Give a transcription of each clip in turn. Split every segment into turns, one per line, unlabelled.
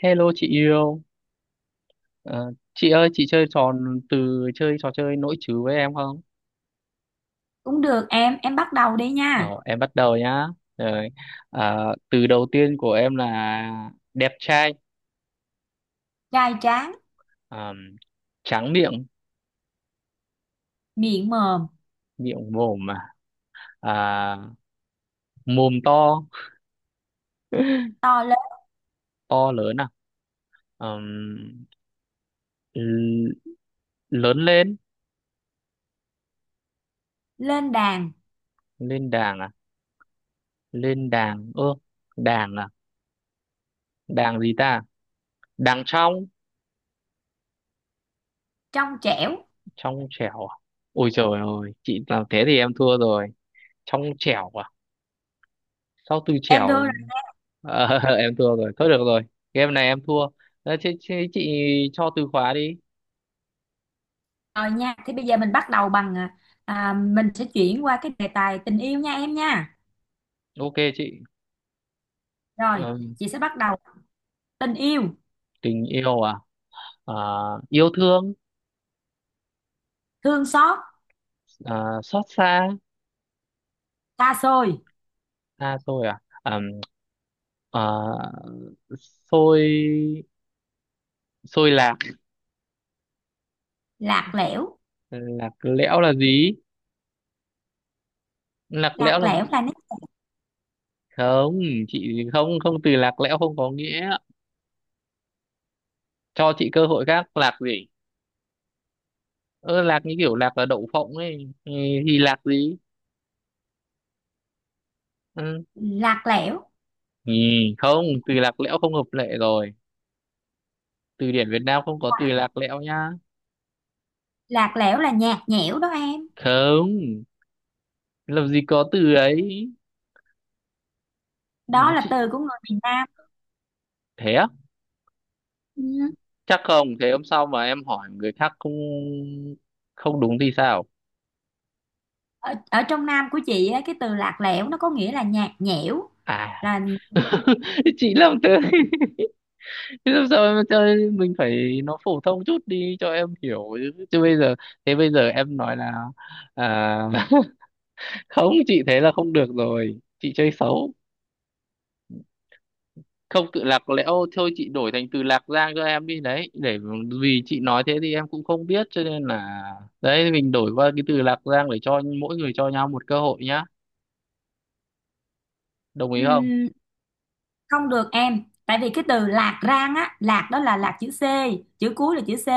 Hello chị yêu. Ờ, chị ơi chị chơi trò từ chơi trò chơi nỗi trừ với em không?
Cũng được em bắt đầu đi nha.
Ờ, em bắt đầu nhá. Rồi. Ờ, từ đầu tiên của em là đẹp trai.
Gai tráng,
Ờ, tráng miệng,
miệng mồm,
miệng mồm mà, à, mồm to.
to lớn,
To lớn à? Ờm, l- lớn lên,
lên đàn,
lên đàng à? Lên đàng, ơ, đàng à, đàng gì ta? Đàng trong,
trong trẻo.
trong trẻo. À? Ôi trời ơi, chị làm thế thì em thua rồi. Trong trẻo à? Sau từ
Em đưa
chẻo.
ra
Ờ, em thua rồi, thôi được rồi, game này em thua. Ờ, thế, thế chị cho từ khóa đi.
rồi nha. Thì bây giờ mình bắt đầu bằng mình sẽ chuyển qua cái đề tài tình yêu nha em nha.
Ok chị.
Rồi,
Ờ,
chị sẽ bắt đầu tình yêu,
tình yêu à. Ờ, yêu thương.
thương xót,
Ờ, xót xa,
xa xôi,
xa rồi à. Ờ, xôi, xôi lạc.
lạc lẽo,
Lạc lẽo là gì? Lạc lẽo
lạc
là,
lẽo là nét
không, chị không không từ lạc lẽo không có nghĩa, cho chị cơ hội khác. Lạc gì? Ơ lạc như kiểu lạc là đậu phộng ấy. Ừ, thì lạc gì? Ừ.
lạc lẽo,
Ừ, không, từ lạc lẽo không hợp lệ rồi. Từ điển Việt Nam không có từ lạc lẽo nhá.
lạc lẽo là nhạt nhẽo đó em.
Không, làm gì có từ ấy. Ừ,
Đó là
chị,
từ của người miền Nam.
thế á?
Ừ.
Chắc không, thế hôm sau mà em hỏi người khác không không đúng thì sao?
Ở trong Nam của chị á, cái từ lạc lẽo nó có nghĩa là nhạt nhẽo
À,
là
chị làm thế. Thế làm sao, em cho mình phải nó phổ thông chút đi cho em hiểu chứ. Chứ bây giờ, thế bây giờ em nói là à, không chị thế là không được rồi. Chị chơi xấu. Không tự lạc lẽo thôi, chị đổi thành từ Lạc Giang cho em đi, đấy, để vì chị nói thế thì em cũng không biết, cho nên là đấy, mình đổi qua cái từ Lạc Giang để cho mỗi người cho nhau một cơ hội nhá, đồng ý không?
không được em, tại vì cái từ lạc rang á, lạc đó là lạc chữ C, chữ cuối là chữ C,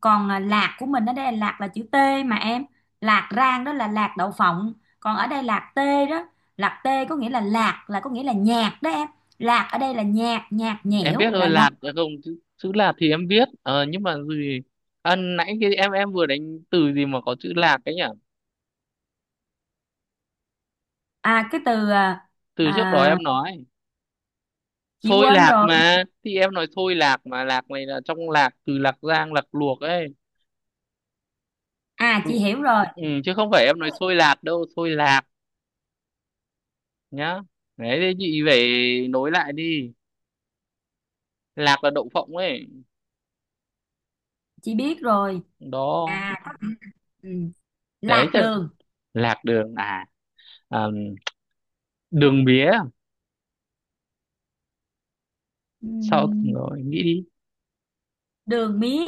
còn lạc của mình ở đây là lạc là chữ T mà em, lạc rang đó là lạc đậu phộng, còn ở đây lạc T đó, lạc T có nghĩa là lạc, là có nghĩa là nhạc đó em, lạc ở đây là nhạc, nhạt
Em biết
nhẽo
rồi.
là lạc.
Lạt à? Không, chữ, chữ Lạt thì em biết, ờ, nhưng mà gì, à, nãy cái em vừa đánh từ gì mà có chữ Lạc ấy nhỉ?
À cái từ à,
Từ trước đó
à,
em nói
Chị
xôi
quên
lạc
rồi.
mà, thì em nói xôi lạc mà lạc này là trong lạc từ Lạc Giang Lạc Luộc ấy.
À, chị hiểu rồi.
Ừ, chứ không phải em nói xôi lạc đâu, xôi lạc nhá. Đấy thì chị phải nối lại đi. Lạc là đậu phộng ấy,
Chị biết rồi.
đó.
Có nghĩa là- ừ,
Đấy
lạc
chứ,
đường.
lạc đường à? À, đường mía, sau
Ừm,
rồi nghĩ đi.
đường mía,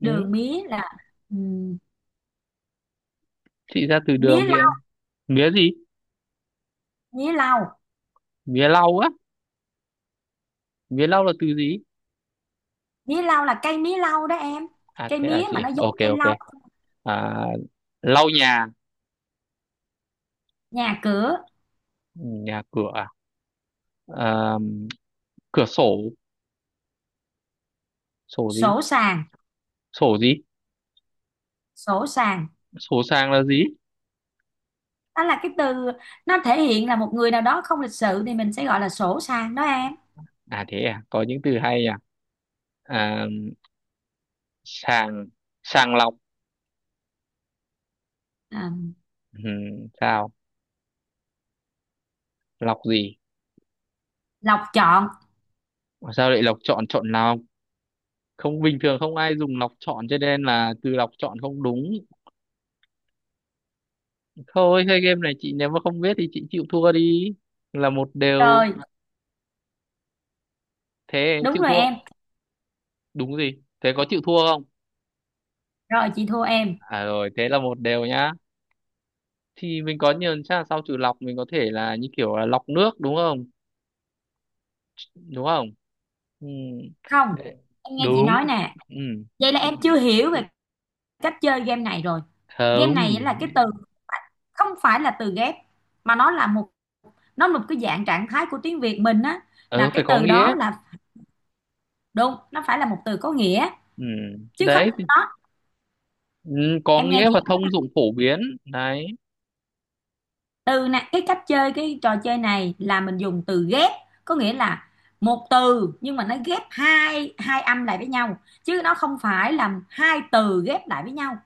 đường
Ừ.
mía là ừm,
Chị ra từ đường
mía,
thì em. Mía gì?
mía lau,
Mía lau á? Mía lau là từ gì?
mía lau là cây mía lau đó em,
À
cây
thế à,
mía mà nó
chị
giống
ok
cây
ok.
lau.
À, lau nhà.
Nhà cửa
Nhà cửa à? À, cửa sổ. Sổ gì?
sổ, sàng,
Sổ gì?
sổ sàng
Sổ sang là gì?
đó là cái từ nó thể hiện là một người nào đó không lịch sự thì mình sẽ gọi là sổ sàng đó em.
À thế à, có những từ hay nhỉ. À, sàng, sàng lọc.
à,
Ừ, sao? Lọc gì?
Lọc chọn
Mà sao lại lọc chọn, chọn nào? Không, bình thường không ai dùng lọc chọn cho nên là từ lọc chọn không đúng. Thôi thế game này chị nếu mà không biết thì chị chịu thua đi, là một đều.
rồi.
Thế
Đúng
chịu
rồi em.
thua. Đúng gì? Thế có chịu thua không?
Rồi chị thua em.
À rồi, thế là một đều nhá. Thì mình có nhiều, chắc là sau trừ lọc mình có thể là như kiểu là lọc nước đúng không? Đúng không? Ừ.
Không,
Thế-
em nghe chị
đúng.
nói nè,
Ừ.
vậy là em chưa hiểu về cách chơi game này rồi. Game này là cái
Không.
từ không phải là từ ghép mà nó là một cái dạng trạng thái của tiếng Việt mình á,
Ừ
là cái
phải có
từ
nghĩa.
đó là. Đúng, nó phải là một từ có nghĩa
Ừ.
chứ không,
Đấy.
đó.
Ừ, có
Em nghe
nghĩa
chị
và thông dụng phổ biến đấy.
từ nè, cái cách chơi cái trò chơi này là mình dùng từ ghép, có nghĩa là một từ nhưng mà nó ghép hai hai âm lại với nhau chứ nó không phải là hai từ ghép lại với nhau.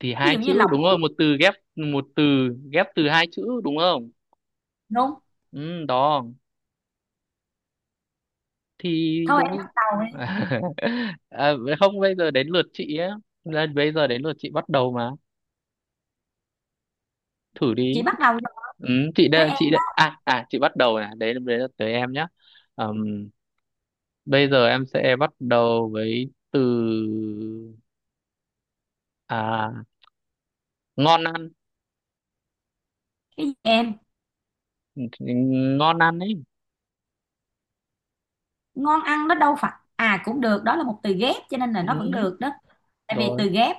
Thì
Ví
hai
dụ
chữ
như lọc.
đúng rồi, một từ ghép, một từ ghép từ hai chữ đúng không?
Đúng.
Ừ, đó, thì
Thôi em
đúng.
bắt đầu đi.
À, không, bây giờ đến lượt chị á. Đây, bây giờ đến lượt chị bắt đầu mà, thử đi.
Chị bắt đầu
Ừ, chị
tới
đây
em.
chị đây à à chị bắt đầu này, đấy đấy là tới em nhé. Ừm, bây giờ em sẽ bắt đầu với từ, à, ngon ăn.
Cái gì em?
Thì ngon ăn ấy.
Ngon ăn nó đâu phải, à cũng được, đó là một từ ghép cho nên là nó vẫn
Ừ,
được đó. Tại vì
rồi.
từ ghép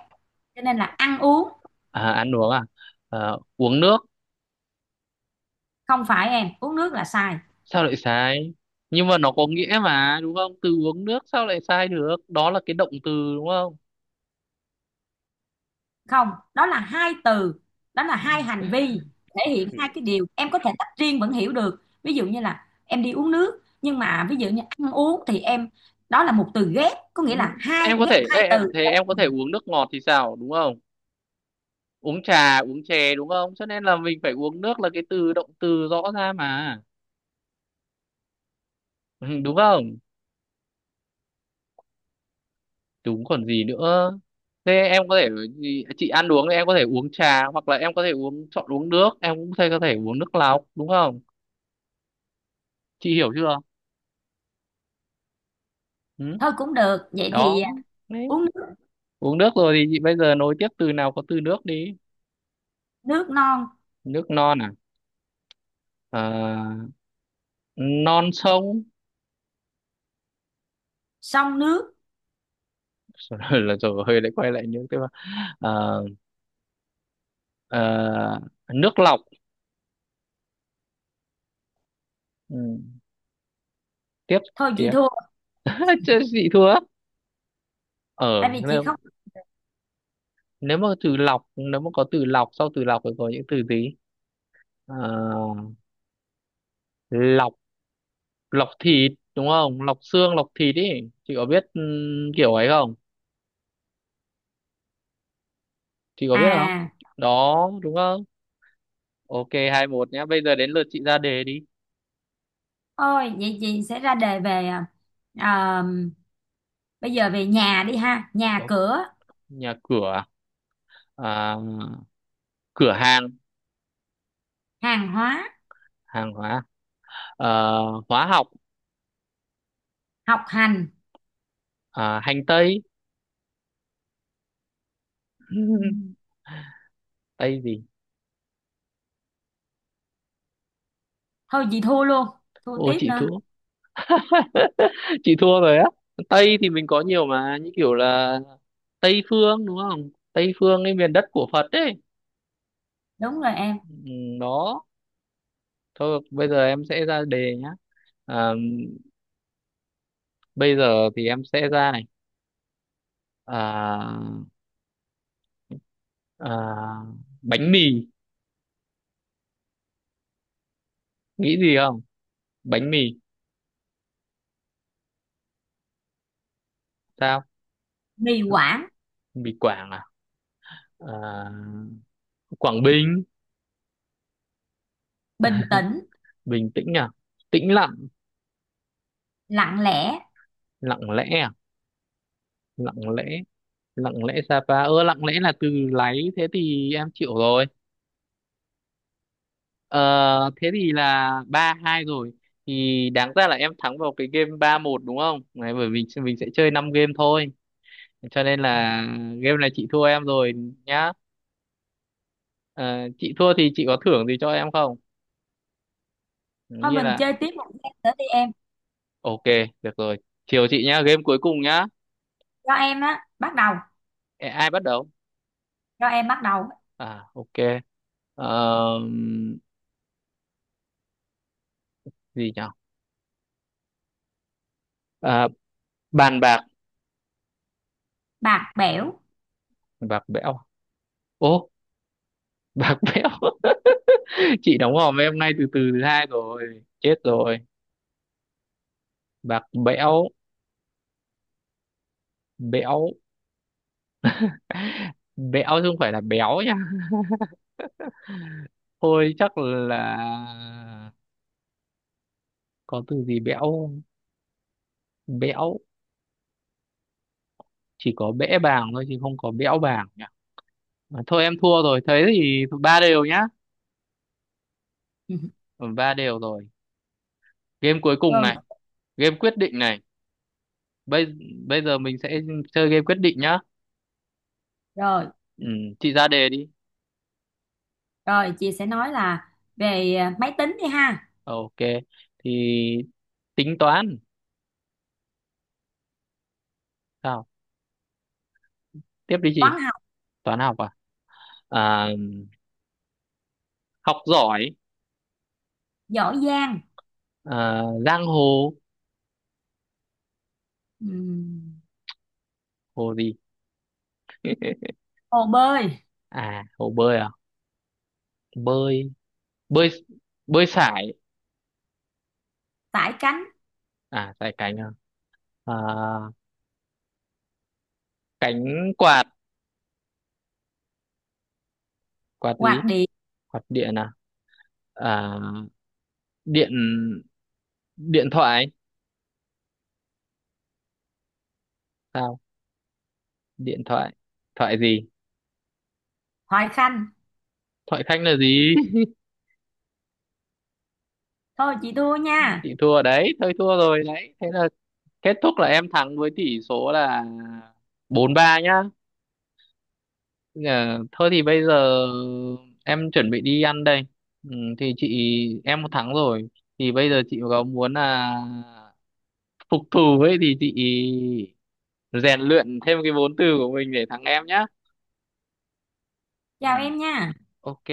cho nên là ăn uống.
À, ăn uống à? Ờ, uống nước.
Không phải em, uống nước là sai.
Sao lại sai? Nhưng mà nó có nghĩa mà đúng không? Từ uống nước sao lại sai được? Đó là cái động từ đúng không?
Không, đó là hai từ, đó là hai hành vi thể hiện hai cái điều em có thể tách riêng vẫn hiểu được, ví dụ như là em đi uống nước, nhưng mà ví dụ như ăn uống thì em, đó là một từ ghép có nghĩa
Ừ,
là hai,
em có
ghép
thể, ê,
hai từ.
thế em có thể uống nước ngọt thì sao đúng không? Uống trà, uống chè đúng không? Cho nên là mình phải uống nước là cái từ động từ rõ ra mà. Ừ, đúng không? Đúng còn gì nữa. Thế em có thể gì, chị ăn uống thì em có thể uống trà hoặc là em có thể uống chọn uống nước, em cũng có thể uống nước lọc đúng không? Chị hiểu chưa? Ừ,
Thôi cũng được, vậy thì
đó.
uống nước,
Uống nước rồi thì chị bây giờ nối tiếp từ nào có từ nước đi.
nước non,
Nước non à. Ờ, non sông.
xong nước,
Rồi là rồi hơi lại quay lại những cái, ờ, ờ, nước lọc. Ừ, tiếp,
thôi chị
tiếp.
thua,
Chứ chị thua. Ở
tại vì chị
nếu,
không.
nếu mà từ lọc nếu mà có từ lọc, sau từ lọc thì có những từ gì? Ờ, lọc, lọc thịt đúng không, lọc xương lọc thịt ý. Chị có biết kiểu ấy không? Chị có biết không?
à
Đó đúng không? Ok 2-1 nhá, bây giờ đến lượt chị ra đề đi.
Thôi vậy chị sẽ ra đề về à, bây giờ về nhà đi ha, nhà
Ok.
cửa,
Nhà cửa à. À, cửa hàng.
hàng hóa
Hàng hóa à. Hóa học
học hành.
à. Hành tây.
Ừ,
Tây gì?
thôi chị thua luôn, thua
Ô
tiếp
chị
nữa.
thua. Chị thua rồi á. Tây thì mình có nhiều mà, như kiểu là tây phương đúng không, tây phương cái miền đất của Phật ấy.
Đúng rồi em.
Ừ, đó. Thôi bây giờ em sẽ ra đề nhá. À, bây giờ thì em sẽ ra này, à, à, bánh mì. Nghĩ gì không? Bánh mì. Sao?
Trì hoãn,
Mì Quảng à. À, Quảng Bình.
bình tĩnh,
Bình tĩnh à. Tĩnh lặng.
lặng lẽ.
Lặng lẽ à. Lặng lẽ, lặng lẽ Sapa. Ơ lặng lẽ là từ láy, thế thì em chịu rồi. Ờ thế thì là 3-2 rồi. Thì đáng ra là em thắng vào cái game 3-1 đúng không. Đấy, bởi vì mình sẽ chơi 5 game thôi cho nên là game này chị thua em rồi nhá. Ờ, chị thua thì chị có thưởng gì cho em không,
Thôi
như
mình
là.
chơi tiếp một game nữa đi em.
Ok, được rồi, chiều chị nhá, game cuối cùng nhá.
Cho em á bắt đầu,
Ê, ai bắt đầu?
cho em bắt đầu.
À ok. Ờ, gì nhỉ, à, bàn bạc.
Bạc bẽo.
Bạc bẽo. Ô bạc bẽo. Chị đóng hòm em nay từ từ thứ hai rồi, chết rồi. Bạc bẽo. Bẽo, bẽo chứ không phải là béo nha. Thôi chắc là có từ gì bẽo không? Bẽo, chỉ có bẽ bàng thôi chứ không có bẽo bàng nhỉ. À, thôi em thua rồi, thế thì ba đều nhá. Ừ, ba đều rồi. Game cuối
Ừ.
cùng
Rồi.
này, game quyết định này. Bây bây giờ mình sẽ chơi game quyết định nhá.
Rồi
Ừ, chị ra đề đi.
rồi chị sẽ nói là về máy tính đi ha.
Ok thì tính toán. Sao? Tiếp đi chị.
Toán học,
Toán học à. À học giỏi.
giỏi giang,
À, giang hồ.
Ừm,
Hồ gì?
hồ bơi,
À hồ bơi à. Bơi, bơi, bơi sải.
sải cánh,
À sải cánh à. À cánh quạt. Quạt gì?
quạt điện,
Quạt điện à. À điện, điện thoại. Sao? Điện thoại. Thoại gì?
thoại khanh.
Thoại khanh là gì?
Thôi chị thua nha.
Chị thua đấy, thôi thua rồi đấy, thế là kết thúc là em thắng với tỷ số là 4-3 nhá. Dạ, thôi thì bây giờ em chuẩn bị đi ăn đây. Ừ, thì chị em một tháng rồi. Thì bây giờ chị có muốn là phục thù ấy thì chị rèn luyện thêm cái vốn từ của mình để thắng em nhá. Ừ,
Chào em nha.
ok.